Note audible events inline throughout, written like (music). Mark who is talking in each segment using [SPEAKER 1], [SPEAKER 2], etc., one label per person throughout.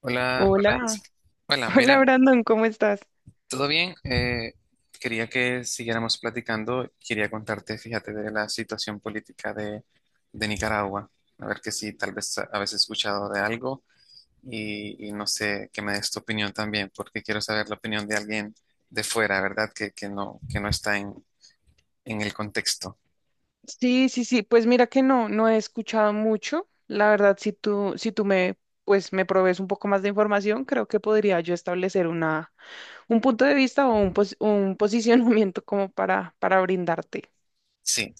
[SPEAKER 1] Hola, hola,
[SPEAKER 2] Hola,
[SPEAKER 1] Jessica. Hola,
[SPEAKER 2] (laughs) hola
[SPEAKER 1] mira,
[SPEAKER 2] Brandon, ¿cómo estás?
[SPEAKER 1] ¿todo bien? Quería que siguiéramos platicando. Quería contarte, fíjate, de la situación política de Nicaragua. A ver que si tal vez habéis escuchado de algo y no sé, que me des tu opinión también, porque quiero saber la opinión de alguien de fuera, ¿verdad? Que no está en el contexto.
[SPEAKER 2] Sí, sí, sí, pues mira que no he escuchado mucho. La verdad, si tú me, pues me provees un poco más de información, creo que podría yo establecer un punto de vista o un (laughs) posicionamiento como para brindarte.
[SPEAKER 1] Sí,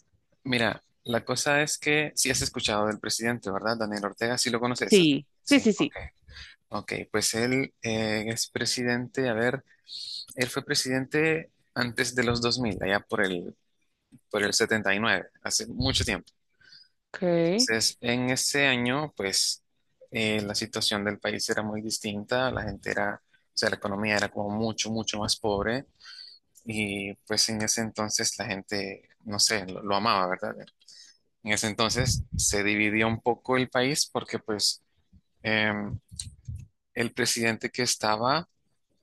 [SPEAKER 1] mira, la cosa es que sí has escuchado del presidente, ¿verdad? Daniel Ortega, sí lo conoces.
[SPEAKER 2] Sí, sí,
[SPEAKER 1] Sí,
[SPEAKER 2] sí,
[SPEAKER 1] ok.
[SPEAKER 2] sí.
[SPEAKER 1] Ok, pues él es presidente, a ver, él fue presidente antes de los 2000, allá por el 79, hace mucho tiempo.
[SPEAKER 2] Ok.
[SPEAKER 1] Entonces, en ese año, pues, la situación del país era muy distinta, la gente era, o sea, la economía era como mucho, mucho más pobre y pues en ese entonces la gente, no sé, lo amaba, ¿verdad? En ese entonces se dividió un poco el país porque pues em, el presidente que estaba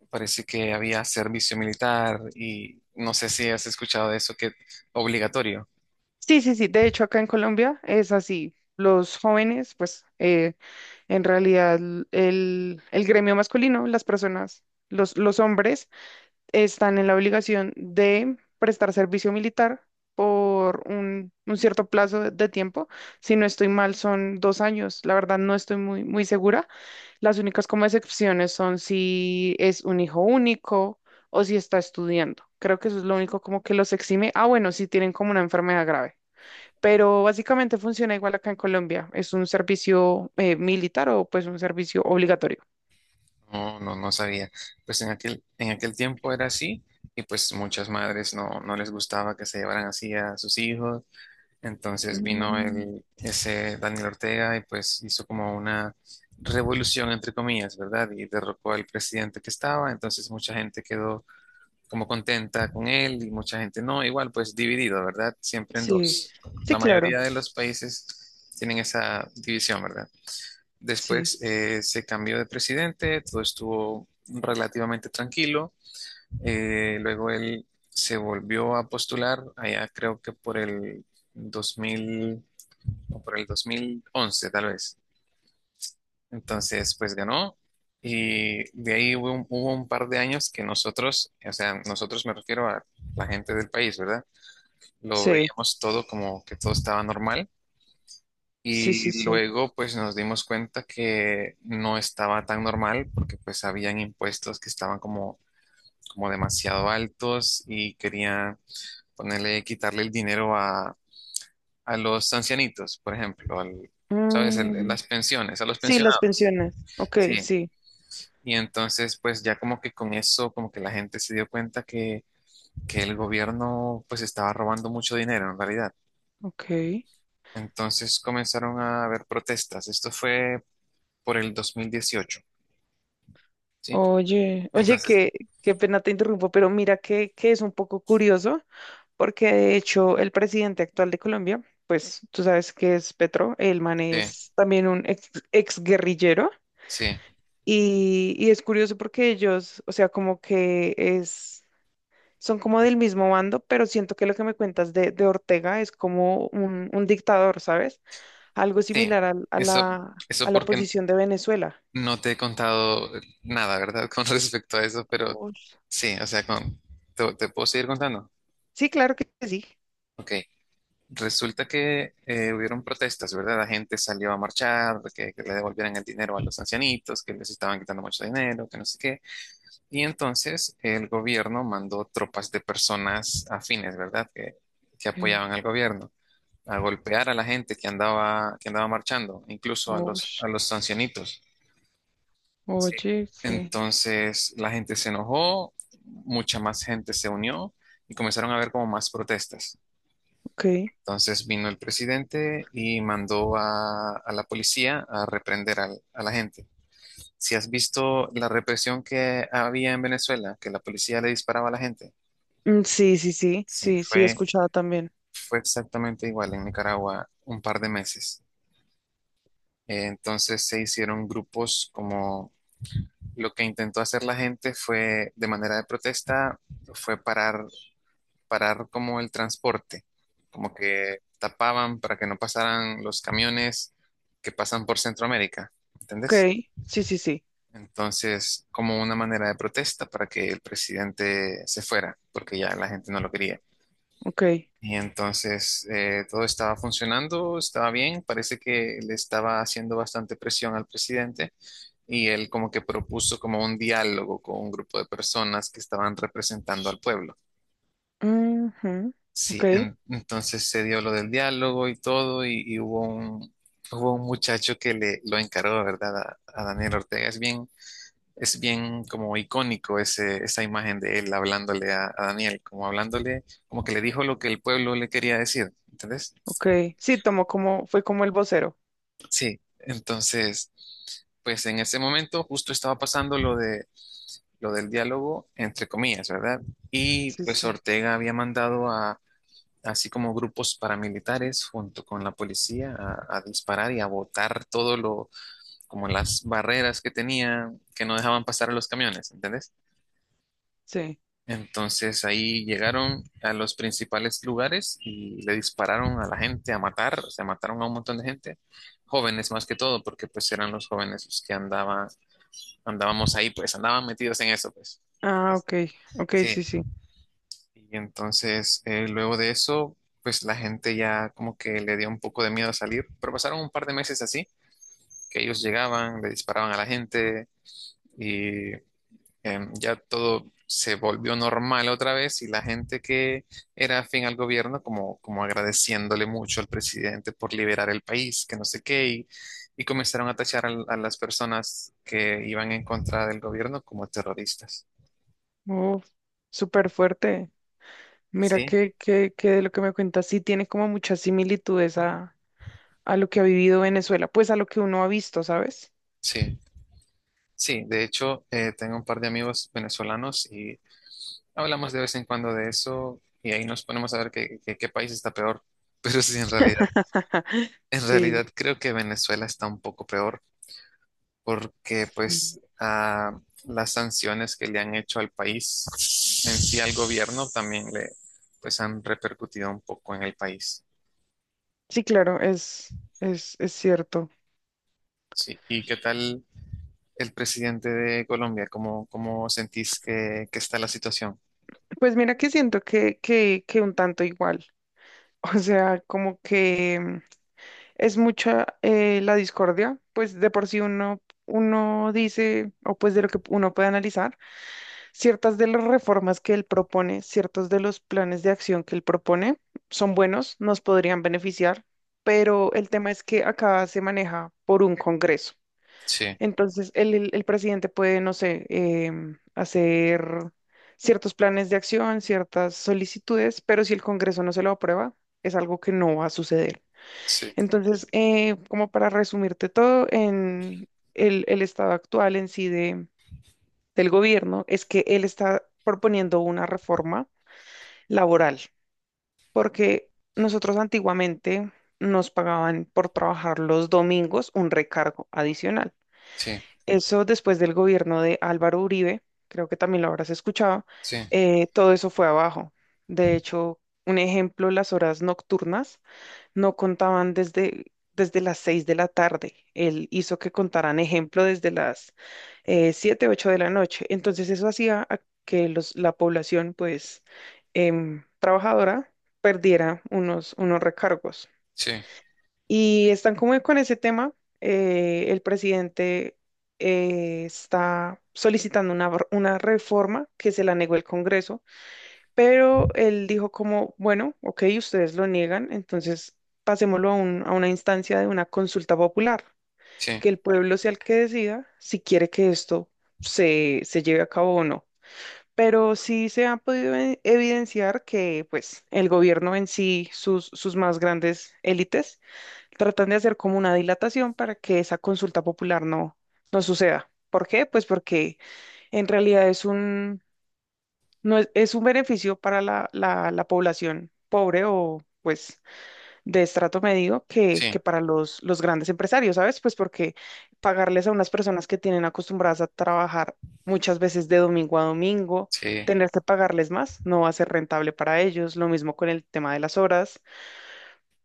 [SPEAKER 1] parece que había servicio militar y no sé si has escuchado de eso, que obligatorio.
[SPEAKER 2] Sí, sí, sí. De hecho, acá en Colombia es así. Los jóvenes, pues en realidad el gremio masculino, las personas, los hombres están en la obligación de prestar servicio militar por un cierto plazo de tiempo. Si no estoy mal, son 2 años. La verdad, no estoy muy, muy segura. Las únicas como excepciones son si es un hijo único o si está estudiando. Creo que eso es lo único como que los exime. Ah, bueno, si tienen como una enfermedad grave. Pero básicamente funciona igual acá en Colombia. Es un servicio militar o pues un servicio obligatorio.
[SPEAKER 1] No, no, no sabía. Pues en aquel tiempo era así y pues muchas madres no les gustaba que se llevaran así a sus hijos. Entonces vino
[SPEAKER 2] Mm,
[SPEAKER 1] ese Daniel Ortega y pues hizo como una revolución entre comillas, ¿verdad? Y derrocó al presidente que estaba. Entonces mucha gente quedó como contenta con él y mucha gente no, igual pues dividido, ¿verdad? Siempre en
[SPEAKER 2] sí,
[SPEAKER 1] dos.
[SPEAKER 2] sí,
[SPEAKER 1] La
[SPEAKER 2] claro.
[SPEAKER 1] mayoría de los países tienen esa división, ¿verdad?
[SPEAKER 2] Sí,
[SPEAKER 1] Después se cambió de presidente, todo estuvo relativamente tranquilo, luego él se volvió a postular allá creo que por el 2000 o por el 2011 tal vez. Entonces, pues ganó y de ahí hubo un par de años que nosotros, o sea, nosotros me refiero a la gente del país, ¿verdad? Lo
[SPEAKER 2] sí.
[SPEAKER 1] veíamos todo como que todo estaba normal
[SPEAKER 2] Sí,
[SPEAKER 1] y
[SPEAKER 2] sí, sí.
[SPEAKER 1] luego pues nos dimos cuenta que no estaba tan normal porque pues habían impuestos que estaban como demasiado altos y querían ponerle, quitarle el dinero a los ancianitos, por ejemplo, ¿sabes?
[SPEAKER 2] Mm,
[SPEAKER 1] Las pensiones, a los
[SPEAKER 2] sí, las
[SPEAKER 1] pensionados.
[SPEAKER 2] pensiones. Ok,
[SPEAKER 1] Sí.
[SPEAKER 2] sí.
[SPEAKER 1] Y entonces, pues ya como que con eso, como que la gente se dio cuenta que el gobierno pues estaba robando mucho dinero en realidad.
[SPEAKER 2] Ok.
[SPEAKER 1] Entonces comenzaron a haber protestas. Esto fue por el 2018, ¿sí?
[SPEAKER 2] Oye, oye,
[SPEAKER 1] Entonces,
[SPEAKER 2] qué pena te interrumpo, pero mira que es un poco curioso, porque de hecho el presidente actual de Colombia, pues tú sabes que es Petro, el man
[SPEAKER 1] sí,
[SPEAKER 2] es también un ex guerrillero,
[SPEAKER 1] sí,
[SPEAKER 2] y es curioso porque ellos, o sea, como que es. Son como del mismo bando, pero siento que lo que me cuentas de Ortega es como un dictador, ¿sabes? Algo
[SPEAKER 1] sí.
[SPEAKER 2] similar al- a,
[SPEAKER 1] Eso,
[SPEAKER 2] la, a
[SPEAKER 1] eso
[SPEAKER 2] la
[SPEAKER 1] porque
[SPEAKER 2] posición de Venezuela.
[SPEAKER 1] no te he contado nada, ¿verdad? (laughs) Con respecto a eso, pero
[SPEAKER 2] Ush,
[SPEAKER 1] sí, o sea, te puedo seguir contando.
[SPEAKER 2] sí, claro que sí.
[SPEAKER 1] Ok. Resulta que hubieron protestas, ¿verdad? La gente salió a marchar, que le devolvieran el dinero a los ancianitos, que les estaban quitando mucho dinero, que no sé qué. Y entonces el gobierno mandó tropas de personas afines, ¿verdad? Que
[SPEAKER 2] Okay,
[SPEAKER 1] apoyaban al gobierno, a golpear a la gente que andaba marchando, incluso a los,
[SPEAKER 2] ush.
[SPEAKER 1] a los ancianitos. Sí.
[SPEAKER 2] Oye, que
[SPEAKER 1] Entonces la gente se enojó, mucha más gente se unió y comenzaron a haber como más protestas.
[SPEAKER 2] ok.
[SPEAKER 1] Entonces vino el presidente y mandó a la policía a reprender a la gente. Si has visto la represión que había en Venezuela, que la policía le disparaba a la gente,
[SPEAKER 2] Mm, sí, sí, sí,
[SPEAKER 1] Sí.
[SPEAKER 2] sí, sí, he
[SPEAKER 1] fue,
[SPEAKER 2] escuchado también.
[SPEAKER 1] fue exactamente igual en Nicaragua un par de meses. Entonces se hicieron grupos como lo que intentó hacer la gente fue de manera de protesta, fue parar como el transporte, como que tapaban para que no pasaran los camiones que pasan por Centroamérica,
[SPEAKER 2] Ok,
[SPEAKER 1] ¿entendés?
[SPEAKER 2] sí, sí, sí,
[SPEAKER 1] Entonces, como una manera de protesta para que el presidente se fuera, porque ya la gente no lo quería.
[SPEAKER 2] ok.
[SPEAKER 1] Y entonces todo estaba funcionando, estaba bien, parece que le estaba haciendo bastante presión al presidente y él como que propuso como un diálogo con un grupo de personas que estaban representando al pueblo.
[SPEAKER 2] Ujú. Ok,
[SPEAKER 1] Sí, entonces se dio lo del diálogo y todo, y hubo un muchacho que le lo encargó, ¿verdad? A Daniel Ortega. Es bien como icónico esa imagen de él hablándole a Daniel, como hablándole, como que le dijo lo que el pueblo le quería decir, ¿entendés?
[SPEAKER 2] ok. Sí, tomó como, fue como el vocero.
[SPEAKER 1] Sí, entonces, pues en ese momento justo estaba pasando lo del diálogo, entre comillas, ¿verdad? Y
[SPEAKER 2] Sí,
[SPEAKER 1] pues
[SPEAKER 2] sí,
[SPEAKER 1] Ortega había mandado así como grupos paramilitares junto con la policía a disparar y a botar todo como las barreras que tenía que no dejaban pasar a los camiones, ¿entendés?
[SPEAKER 2] sí.
[SPEAKER 1] Entonces ahí llegaron a los principales lugares y le dispararon a la gente a matar, o sea, mataron a un montón de gente, jóvenes más que todo, porque pues eran los jóvenes los que andaban, andábamos ahí, pues andaban metidos en eso, pues.
[SPEAKER 2] Ah,
[SPEAKER 1] Este,
[SPEAKER 2] ok, ok,
[SPEAKER 1] Sí,
[SPEAKER 2] sí, sí.
[SPEAKER 1] y entonces, luego de eso, pues la gente ya como que le dio un poco de miedo a salir, pero pasaron un par de meses así, que ellos llegaban, le disparaban a la gente y ya todo se volvió normal otra vez y la gente que era afín al gobierno como, como agradeciéndole mucho al presidente por liberar el país, que no sé qué, y comenzaron a tachar a las personas que iban en contra del gobierno como terroristas.
[SPEAKER 2] Uf, súper fuerte. Mira
[SPEAKER 1] Sí,
[SPEAKER 2] que de lo que me cuentas sí tiene como muchas similitudes a lo que ha vivido Venezuela, pues a lo que uno ha visto, ¿sabes?
[SPEAKER 1] sí. Sí, de hecho, tengo un par de amigos venezolanos y hablamos de vez en cuando de eso y ahí nos ponemos a ver qué, qué país está peor. (laughs) Pero sí, en realidad,
[SPEAKER 2] (laughs)
[SPEAKER 1] en
[SPEAKER 2] Sí,
[SPEAKER 1] realidad creo que Venezuela está un poco peor porque
[SPEAKER 2] sí,
[SPEAKER 1] pues las sanciones que le han hecho al país en sí al gobierno también le pues han repercutido un poco en el país.
[SPEAKER 2] sí, claro, es cierto.
[SPEAKER 1] Sí. ¿Y qué tal el presidente de Colombia? ¿Cómo sentís que está la situación?
[SPEAKER 2] Pues mira que siento que un tanto igual. (laughs) O sea, como que es mucha la discordia, pues de por sí uno dice, o pues de lo que uno puede analizar. Ciertas de las reformas que él propone, ciertos de los planes de acción que él propone son buenos, nos podrían beneficiar, pero el tema es que acá se maneja por un Congreso.
[SPEAKER 1] Sí,
[SPEAKER 2] Entonces, el presidente puede, no sé, hacer ciertos planes de acción, ciertas solicitudes, pero si el Congreso no se lo aprueba, es algo que no va a suceder.
[SPEAKER 1] sí,
[SPEAKER 2] Entonces, como para resumirte todo, en el estado actual en sí del gobierno es que él está proponiendo una reforma laboral, porque nosotros antiguamente nos pagaban por trabajar los domingos un recargo adicional.
[SPEAKER 1] sí,
[SPEAKER 2] Eso después del gobierno de Álvaro Uribe, creo que también lo habrás escuchado,
[SPEAKER 1] sí.
[SPEAKER 2] todo eso fue abajo. De hecho, un ejemplo, las horas nocturnas no contaban desde las 6 de la tarde. Él hizo que contaran ejemplo desde las 7, 8 de la noche. Entonces eso hacía a que la población, pues, trabajadora perdiera unos recargos.
[SPEAKER 1] Sí,
[SPEAKER 2] Y están como con ese tema. El presidente está solicitando una reforma que se la negó el Congreso pero él dijo como, bueno, ok, ustedes lo niegan, entonces pasémoslo a una instancia de una consulta popular,
[SPEAKER 1] sí,
[SPEAKER 2] que el pueblo sea el que decida si quiere que esto se lleve a cabo o no. Pero sí se ha podido evidenciar que pues el gobierno en sí, sus más grandes élites, tratan de hacer como una dilatación para que esa consulta popular no suceda. ¿Por qué? Pues porque en realidad es no es un beneficio para la población pobre o pues de estrato medio que,
[SPEAKER 1] sí,
[SPEAKER 2] que para los grandes empresarios, ¿sabes? Pues porque pagarles a unas personas que tienen acostumbradas a trabajar muchas veces de domingo a domingo,
[SPEAKER 1] sí,
[SPEAKER 2] tener que pagarles más, no va a ser rentable para ellos, lo mismo con el tema de las horas,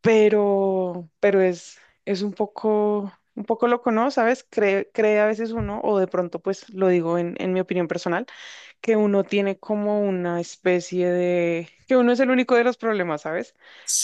[SPEAKER 2] pero es un poco loco, ¿no? ¿Sabes? Cree a veces uno, o de pronto pues lo digo en mi opinión personal que uno tiene como una especie de, que uno es el único de los problemas, ¿sabes?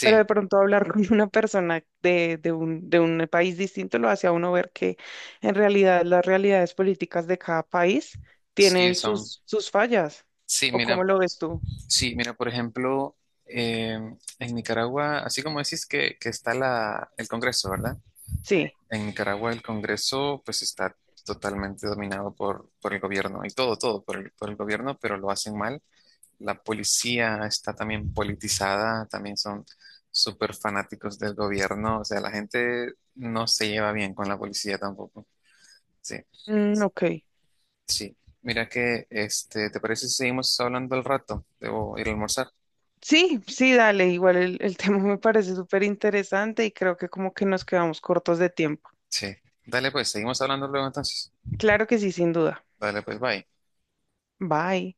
[SPEAKER 2] Pero de pronto hablar (laughs) con una persona de un país distinto lo hace a uno ver que en realidad las realidades políticas de cada país
[SPEAKER 1] sí,
[SPEAKER 2] tienen
[SPEAKER 1] son,
[SPEAKER 2] sus fallas.
[SPEAKER 1] sí,
[SPEAKER 2] ¿O cómo
[SPEAKER 1] mira,
[SPEAKER 2] lo ves tú?
[SPEAKER 1] sí, mira, por ejemplo, eh, en Nicaragua, así como decís que está el Congreso, ¿verdad?
[SPEAKER 2] Sí.
[SPEAKER 1] En Nicaragua el Congreso pues está totalmente dominado por el gobierno y todo, todo por el gobierno, pero lo hacen mal. La policía está también politizada, también son súper fanáticos del gobierno, o sea, la gente no se lleva bien con la policía tampoco, sí.
[SPEAKER 2] Mm, ok.
[SPEAKER 1] Sí, mira que, ¿te parece si seguimos hablando al rato? Debo ir a almorzar.
[SPEAKER 2] Sí, sí, dale. Igual el (laughs) tema me parece súper interesante y creo que como que nos quedamos cortos de tiempo.
[SPEAKER 1] Sí. Dale pues, seguimos hablando luego entonces.
[SPEAKER 2] Claro que sí, sin duda.
[SPEAKER 1] Dale pues, bye.
[SPEAKER 2] Bye.